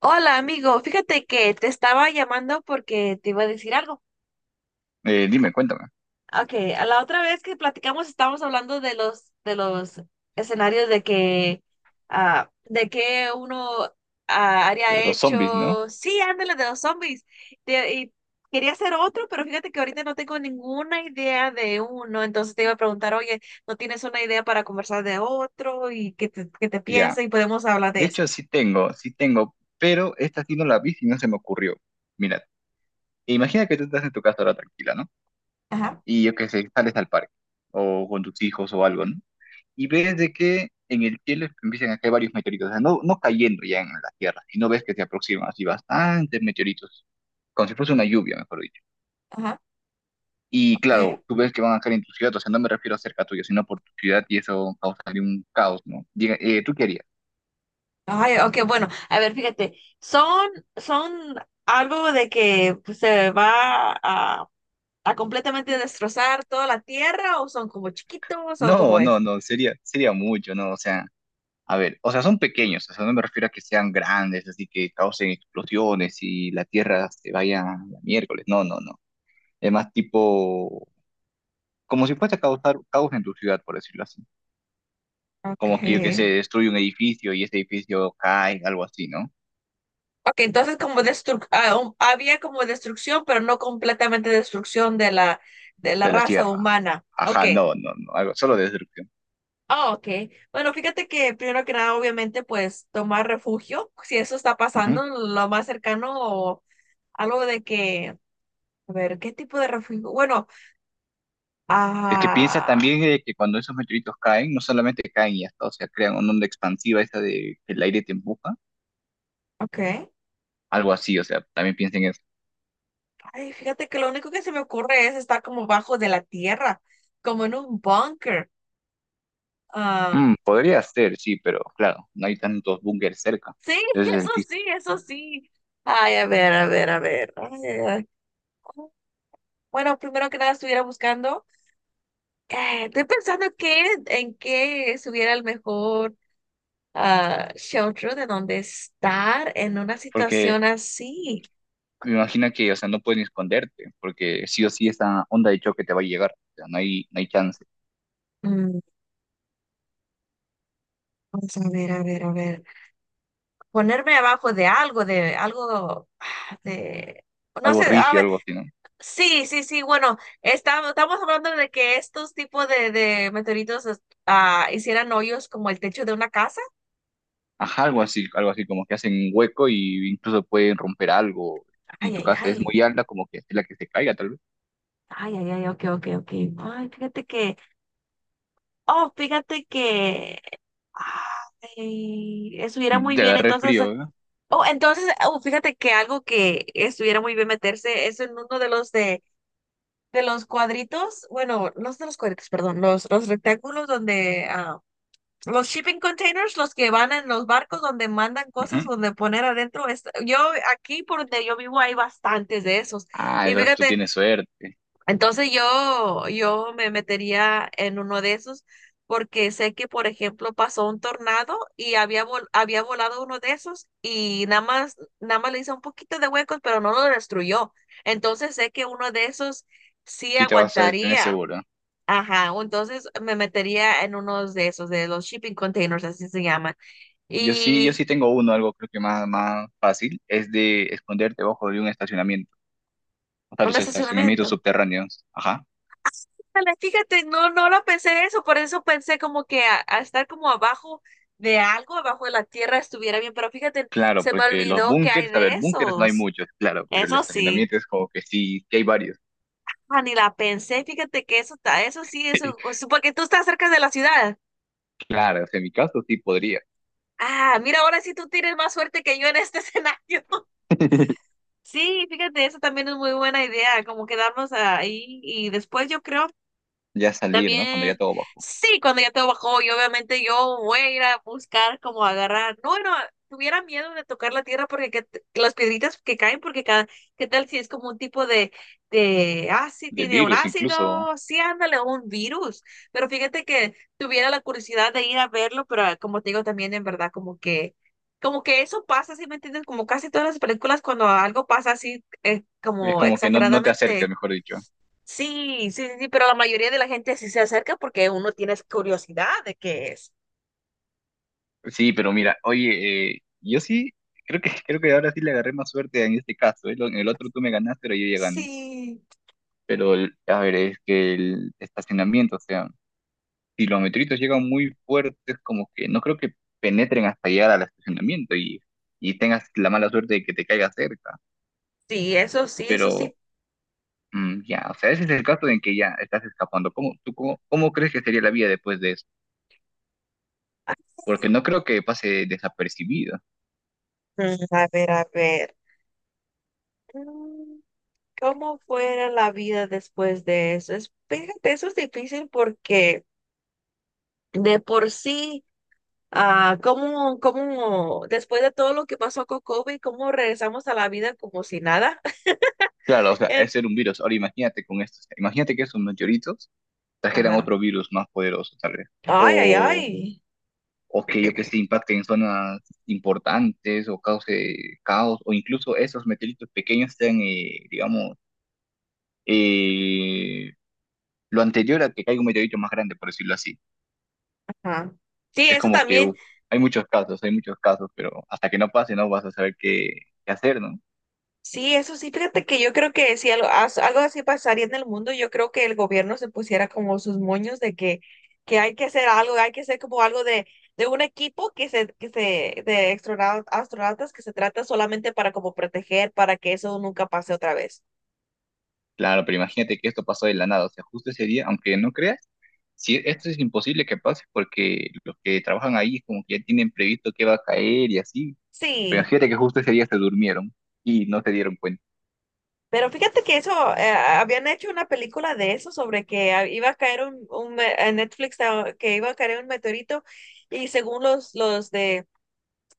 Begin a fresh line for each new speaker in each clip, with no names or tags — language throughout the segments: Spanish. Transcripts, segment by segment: Hola amigo, fíjate que te estaba llamando porque te iba a decir algo.
Dime, cuéntame.
Okay, a la otra vez que platicamos estábamos hablando de los escenarios de que de que uno haría
De los zombies, ¿no?
hecho. Sí, ándale de los zombies. Y quería hacer otro, pero fíjate que ahorita no tengo ninguna idea de uno, entonces te iba a preguntar, oye, ¿no tienes una idea para conversar de otro y qué te
Ya.
piensa y podemos hablar de
De
eso?
hecho, sí tengo, pero esta sí no la vi y no se me ocurrió. Mira, imagina que tú estás en tu casa ahora tranquila, ¿no?
Ajá,
Y yo que sé, sales al parque o con tus hijos o algo, ¿no? Y ves de que en el cielo empiezan a caer varios meteoritos, o sea, no cayendo ya en la Tierra, y no ves que se aproximan así bastantes meteoritos, como si fuese una lluvia, mejor dicho.
ajá,
Y
ok.
claro, tú ves que van a caer en tu ciudad, o sea, no me refiero a cerca tuyo, sino por tu ciudad y eso causaría un caos, ¿no? Diga, ¿tú qué harías?
Ay, ok, bueno, a ver, fíjate, son algo de que pues, a completamente destrozar toda la tierra o son como chiquitos o como
No, no,
es.
no, sería mucho, ¿no? O sea, a ver, o sea, son pequeños, o sea, no me refiero a que sean grandes, así que causen explosiones y la Tierra se vaya a la miércoles, no, no, no. Es más tipo, como si fuese a causar caos en tu ciudad, por decirlo así. Como que yo que se
Okay.
destruye un edificio y ese edificio cae, algo así, ¿no?
Ok, entonces como había como destrucción, pero no completamente destrucción de de la
De la
raza
Tierra.
humana. Ok.
Ajá, no, no, no, algo, solo de destrucción.
Ah, ok. Bueno, fíjate que primero que nada, obviamente, pues tomar refugio, si eso está pasando,
Ujú.
lo más cercano o algo de que. A ver, ¿qué tipo de refugio? Bueno,
Es que piensa
ah,
también que cuando esos meteoritos caen, no solamente caen y hasta, o sea, crean una onda expansiva esa de que el aire te empuja.
ok.
Algo así, o sea, también piensen eso.
Ay, fíjate que lo único que se me ocurre es estar como bajo de la tierra, como en un búnker. Ah,
Mm, podría ser, sí, pero claro, no hay tantos búnkeres cerca.
sí,
Ese es
eso
el chiste.
sí, eso sí. Ay, a ver, a ver, a ver. Ay, ay, ay. Bueno, primero que nada estuviera buscando. Estoy pensando qué, en qué estuviera el mejor shelter de donde estar en una
Porque
situación así.
me imagino que, o sea, no pueden esconderte, porque sí o sí esa onda de choque te va a llegar. O sea, no hay chance.
Mm, vamos a ver, a ver, a ver. Ponerme abajo de algo, no
Algo
sé, a
rígido,
ver,
algo así, ¿no?
sí, sí, sí, bueno, estamos hablando de que estos tipos de meteoritos hicieran hoyos como el techo de una casa.
Ajá, algo así, como que hacen un hueco y incluso pueden romper algo. Y
Ay,
tu
ay,
casa es
ay.
muy alta, como que es la que se caiga, tal vez.
Ay, ay, ay, ok, ok, ok. Ay, fíjate que, oh, fíjate que, ay, estuviera
Mm,
muy
te
bien,
agarré
entonces,
frío, ¿verdad?
oh, fíjate que algo que estuviera muy bien meterse es en uno de de los cuadritos, bueno, no de los cuadritos, perdón, los rectángulos donde, los shipping containers, los que van en los barcos donde mandan cosas,
Ujú.
donde poner adentro. Yo aquí por donde yo vivo hay bastantes de esos.
Ah,
Y
entonces tú
fíjate,
tienes suerte.
entonces yo me metería en uno de esos porque sé que, por ejemplo, pasó un tornado y había volado uno de esos y nada más, nada más le hizo un poquito de huecos, pero no lo destruyó. Entonces sé que uno de esos sí
Sí te vas a tener
aguantaría.
seguro.
Ajá, o entonces me metería en uno de esos, de los shipping containers, así se llaman.
Yo sí, yo
Y
sí tengo uno, algo creo que más, más fácil, es de esconderte bajo de un estacionamiento, o sea,
un
los estacionamientos
estacionamiento.
subterráneos. Ajá.
Ándale, fíjate, no, no lo pensé eso, por eso pensé como que a estar como abajo de algo, abajo de la tierra estuviera bien, pero fíjate,
Claro,
se me
porque los
olvidó que hay
búnkers, a
de
ver, búnkers no hay
esos.
muchos, claro, pero el
Eso sí,
estacionamiento es como que sí, que hay varios.
ni la pensé, fíjate que eso está, eso sí, eso, o sea, porque tú estás cerca de la ciudad.
Claro, o sea, en mi caso sí podría
Ah, mira, ahora sí tú tienes más suerte que yo en este escenario. Sí, fíjate, eso también es muy buena idea, como quedarnos ahí y después yo creo.
ya salir, ¿no? Cuando ya
También,
todo bajo.
sí, cuando ya todo bajó, y obviamente yo voy a ir a buscar como agarrar. No, no, tuviera miedo de tocar la tierra porque que, las piedritas que caen, porque cada, ¿qué tal si es como un tipo sí,
De
tiene un
virus incluso.
ácido, sí, ándale, un virus. Pero fíjate que tuviera la curiosidad de ir a verlo, pero como te digo también, en verdad, como que eso pasa, ¿sí me entiendes? Como casi todas las películas cuando algo pasa así,
Es
como
como que no, no te acerques,
exageradamente.
mejor dicho.
Sí, sí, sí, sí, pero la mayoría de la gente sí se acerca porque uno tiene curiosidad de qué es.
Sí, pero mira, oye, yo sí, creo que ahora sí le agarré más suerte en este caso, ¿eh? Lo- En el otro tú me ganaste, pero yo ya gané.
Sí,
Pero el- a ver, es que el estacionamiento, o sea, si los meteoritos llegan muy fuertes, como que no creo que penetren hasta llegar al estacionamiento y tengas la mala suerte de que te caiga cerca,
sí, eso sí, eso
pero
sí.
mm, ya, o sea, ese es el caso en que ya estás escapando. ¿Cómo, tú, cómo crees que sería la vida después de eso? Porque no creo que pase desapercibido.
Mm, a ver, a ver. Mm, ¿cómo fuera la vida después de eso? Es, fíjate, eso es difícil porque de por sí, ¿cómo, cómo después de todo lo que pasó con COVID, cómo regresamos a la vida como si nada?
Claro, o sea,
En-
es ser un virus. Ahora imagínate con esto, o sea, imagínate que esos meteoritos trajeran
Ajá.
otro virus más poderoso, tal vez.
Ay, ay, ay.
O que yo que sé, impacte en zonas importantes o cause caos, o incluso esos meteoritos pequeños sean, digamos, eh, lo anterior a que caiga un meteorito más grande, por decirlo así.
Ajá. Sí,
Es
eso
como que
también.
hay muchos casos, pero hasta que no pase no vas a saber qué, qué hacer, ¿no?
Sí, eso sí, fíjate que yo creo que si algo, algo así pasaría en el mundo, yo creo que el gobierno se pusiera como sus moños de que hay que hacer algo, hay que hacer como algo de un equipo de astronautas que se trata solamente para como proteger, para que eso nunca pase otra vez.
Claro, pero imagínate que esto pasó de la nada, o sea, justo ese día, aunque no creas, si esto es imposible que pase porque los que trabajan ahí como que ya tienen previsto que va a caer y así, pero
Sí,
imagínate que justo ese día se durmieron y no se dieron cuenta.
pero fíjate que eso, habían hecho una película de eso, sobre que ah, iba a caer un me- en Netflix, ah, que iba a caer un meteorito. Y según los, los de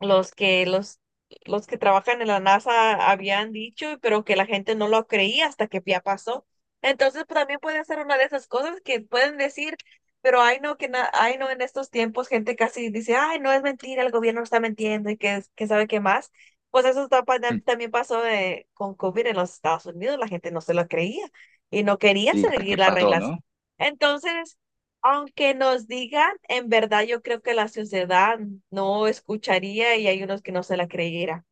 los que los los que trabajan en la NASA habían dicho, pero que la gente no lo creía hasta que ya pasó. Entonces pues, también puede ser una de esas cosas que pueden decir, pero ay no en estos tiempos gente casi dice, ay no es mentira, el gobierno está mintiendo y que sabe qué más. Pues eso está también pasó con COVID en los Estados Unidos, la gente no se lo creía y no quería
Y hasta
seguir
que
las
pasó,
reglas.
¿no?
Entonces, aunque nos digan, en verdad yo creo que la sociedad no escucharía y hay unos que no se la creyera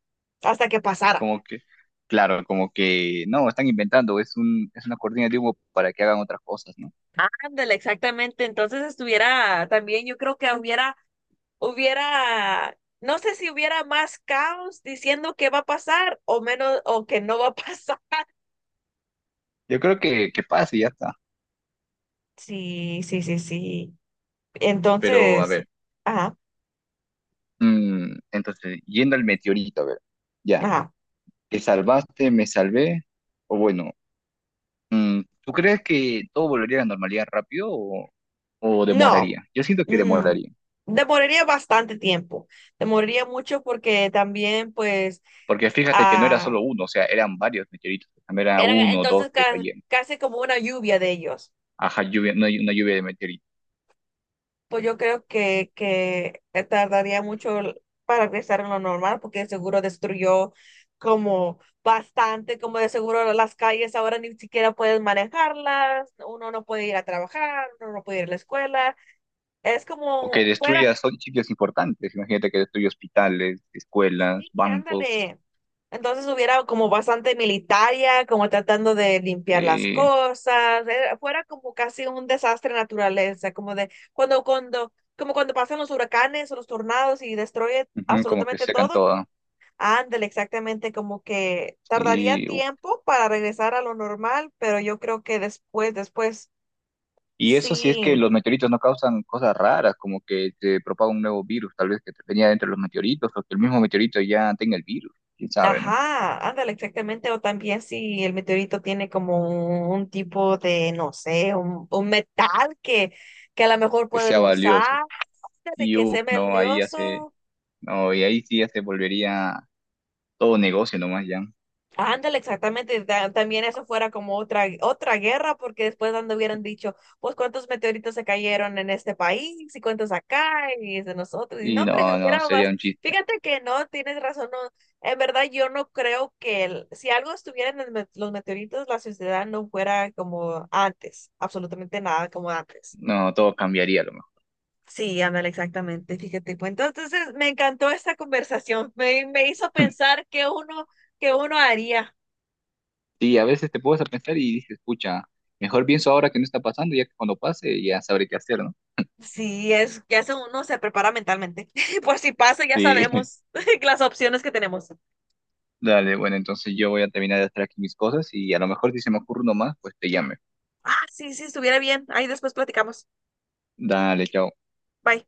hasta que pasara.
Como que, claro, como que no, están inventando, es una cortina de humo para que hagan otras cosas, ¿no?
Ándale, exactamente. Entonces estuviera también, yo creo que hubiera, no sé si hubiera más caos diciendo que va a pasar o menos, o que no va a pasar.
Yo creo que pasa y ya está.
Sí, sí, sí, sí.
Pero a
Entonces,
ver,
ajá,
mm, entonces, yendo al meteorito, a ver, ya,
ajá.
¿te salvaste, me salvé? O bueno, mm, ¿tú crees que todo volvería a la normalidad rápido o
No,
demoraría? Yo siento que
mm,
demoraría.
demoraría bastante tiempo. Demoraría mucho porque también, pues,
Porque fíjate que no era
ah,
solo uno, o sea, eran varios meteoritos. También era
eran
uno, dos
entonces
que caían.
casi como una lluvia de ellos.
Ajá, lluvia, una lluvia de meteoritos.
Pues yo creo que tardaría mucho para regresar a lo normal, porque de seguro destruyó como bastante, como de seguro las calles ahora ni siquiera puedes manejarlas, uno no puede ir a trabajar, uno no puede ir a la escuela. Es
O que
como fuera,
destruya, son sitios importantes. Imagínate que destruye hospitales, escuelas,
sí,
bancos,
ándale. Entonces hubiera como bastante militaria, como tratando de limpiar las
eh,
cosas, fuera como casi un desastre de naturaleza, como de cuando, cuando, como cuando pasan los huracanes o los tornados y destruye
ujú, como que
absolutamente
secan
todo,
todo.
ándale, exactamente, como que tardaría
Y, uf.
tiempo para regresar a lo normal, pero yo creo que después, después
Y eso si es
sí.
que los meteoritos no causan cosas raras, como que se propaga un nuevo virus, tal vez que venía dentro de los meteoritos, o que el mismo meteorito ya tenga el virus, quién sabe, ¿no?
Ajá, ándale, exactamente. O también si el meteorito tiene como un tipo de, no sé, un metal que a lo mejor
Que
pueden
sea valioso.
usar, de
Y
que sea
uf, no, ahí ya se,
melioso.
no, y ahí sí ya se volvería todo negocio nomás ya.
Ándale, exactamente. También eso fuera como otra guerra, porque después ando hubieran dicho, pues cuántos meteoritos se cayeron en este país y cuántos acá y es de nosotros. Y no,
Y
hombre,
no, no,
hubiera más.
sería un chiste.
Fíjate que no, tienes razón. No. En verdad, yo no creo que si algo estuviera en el los meteoritos, la sociedad no fuera como antes, absolutamente nada como antes.
No, todo cambiaría a lo mejor.
Sí, ándale, exactamente. Fíjate, pues entonces me encantó esta conversación. Me hizo pensar qué uno haría.
Sí, a veces te puedes a pensar y dices, escucha, mejor pienso ahora que no está pasando, ya que cuando pase ya sabré qué hacer, ¿no?
Sí, es que hace uno se prepara mentalmente. Por si pasa, ya
Sí,
sabemos las opciones que tenemos.
dale, bueno, entonces yo voy a terminar de hacer aquí mis cosas y a lo mejor si se me ocurre uno más, pues te llame.
Ah, sí, sí, estuviera bien. Ahí después platicamos.
Dale, chao.
Bye.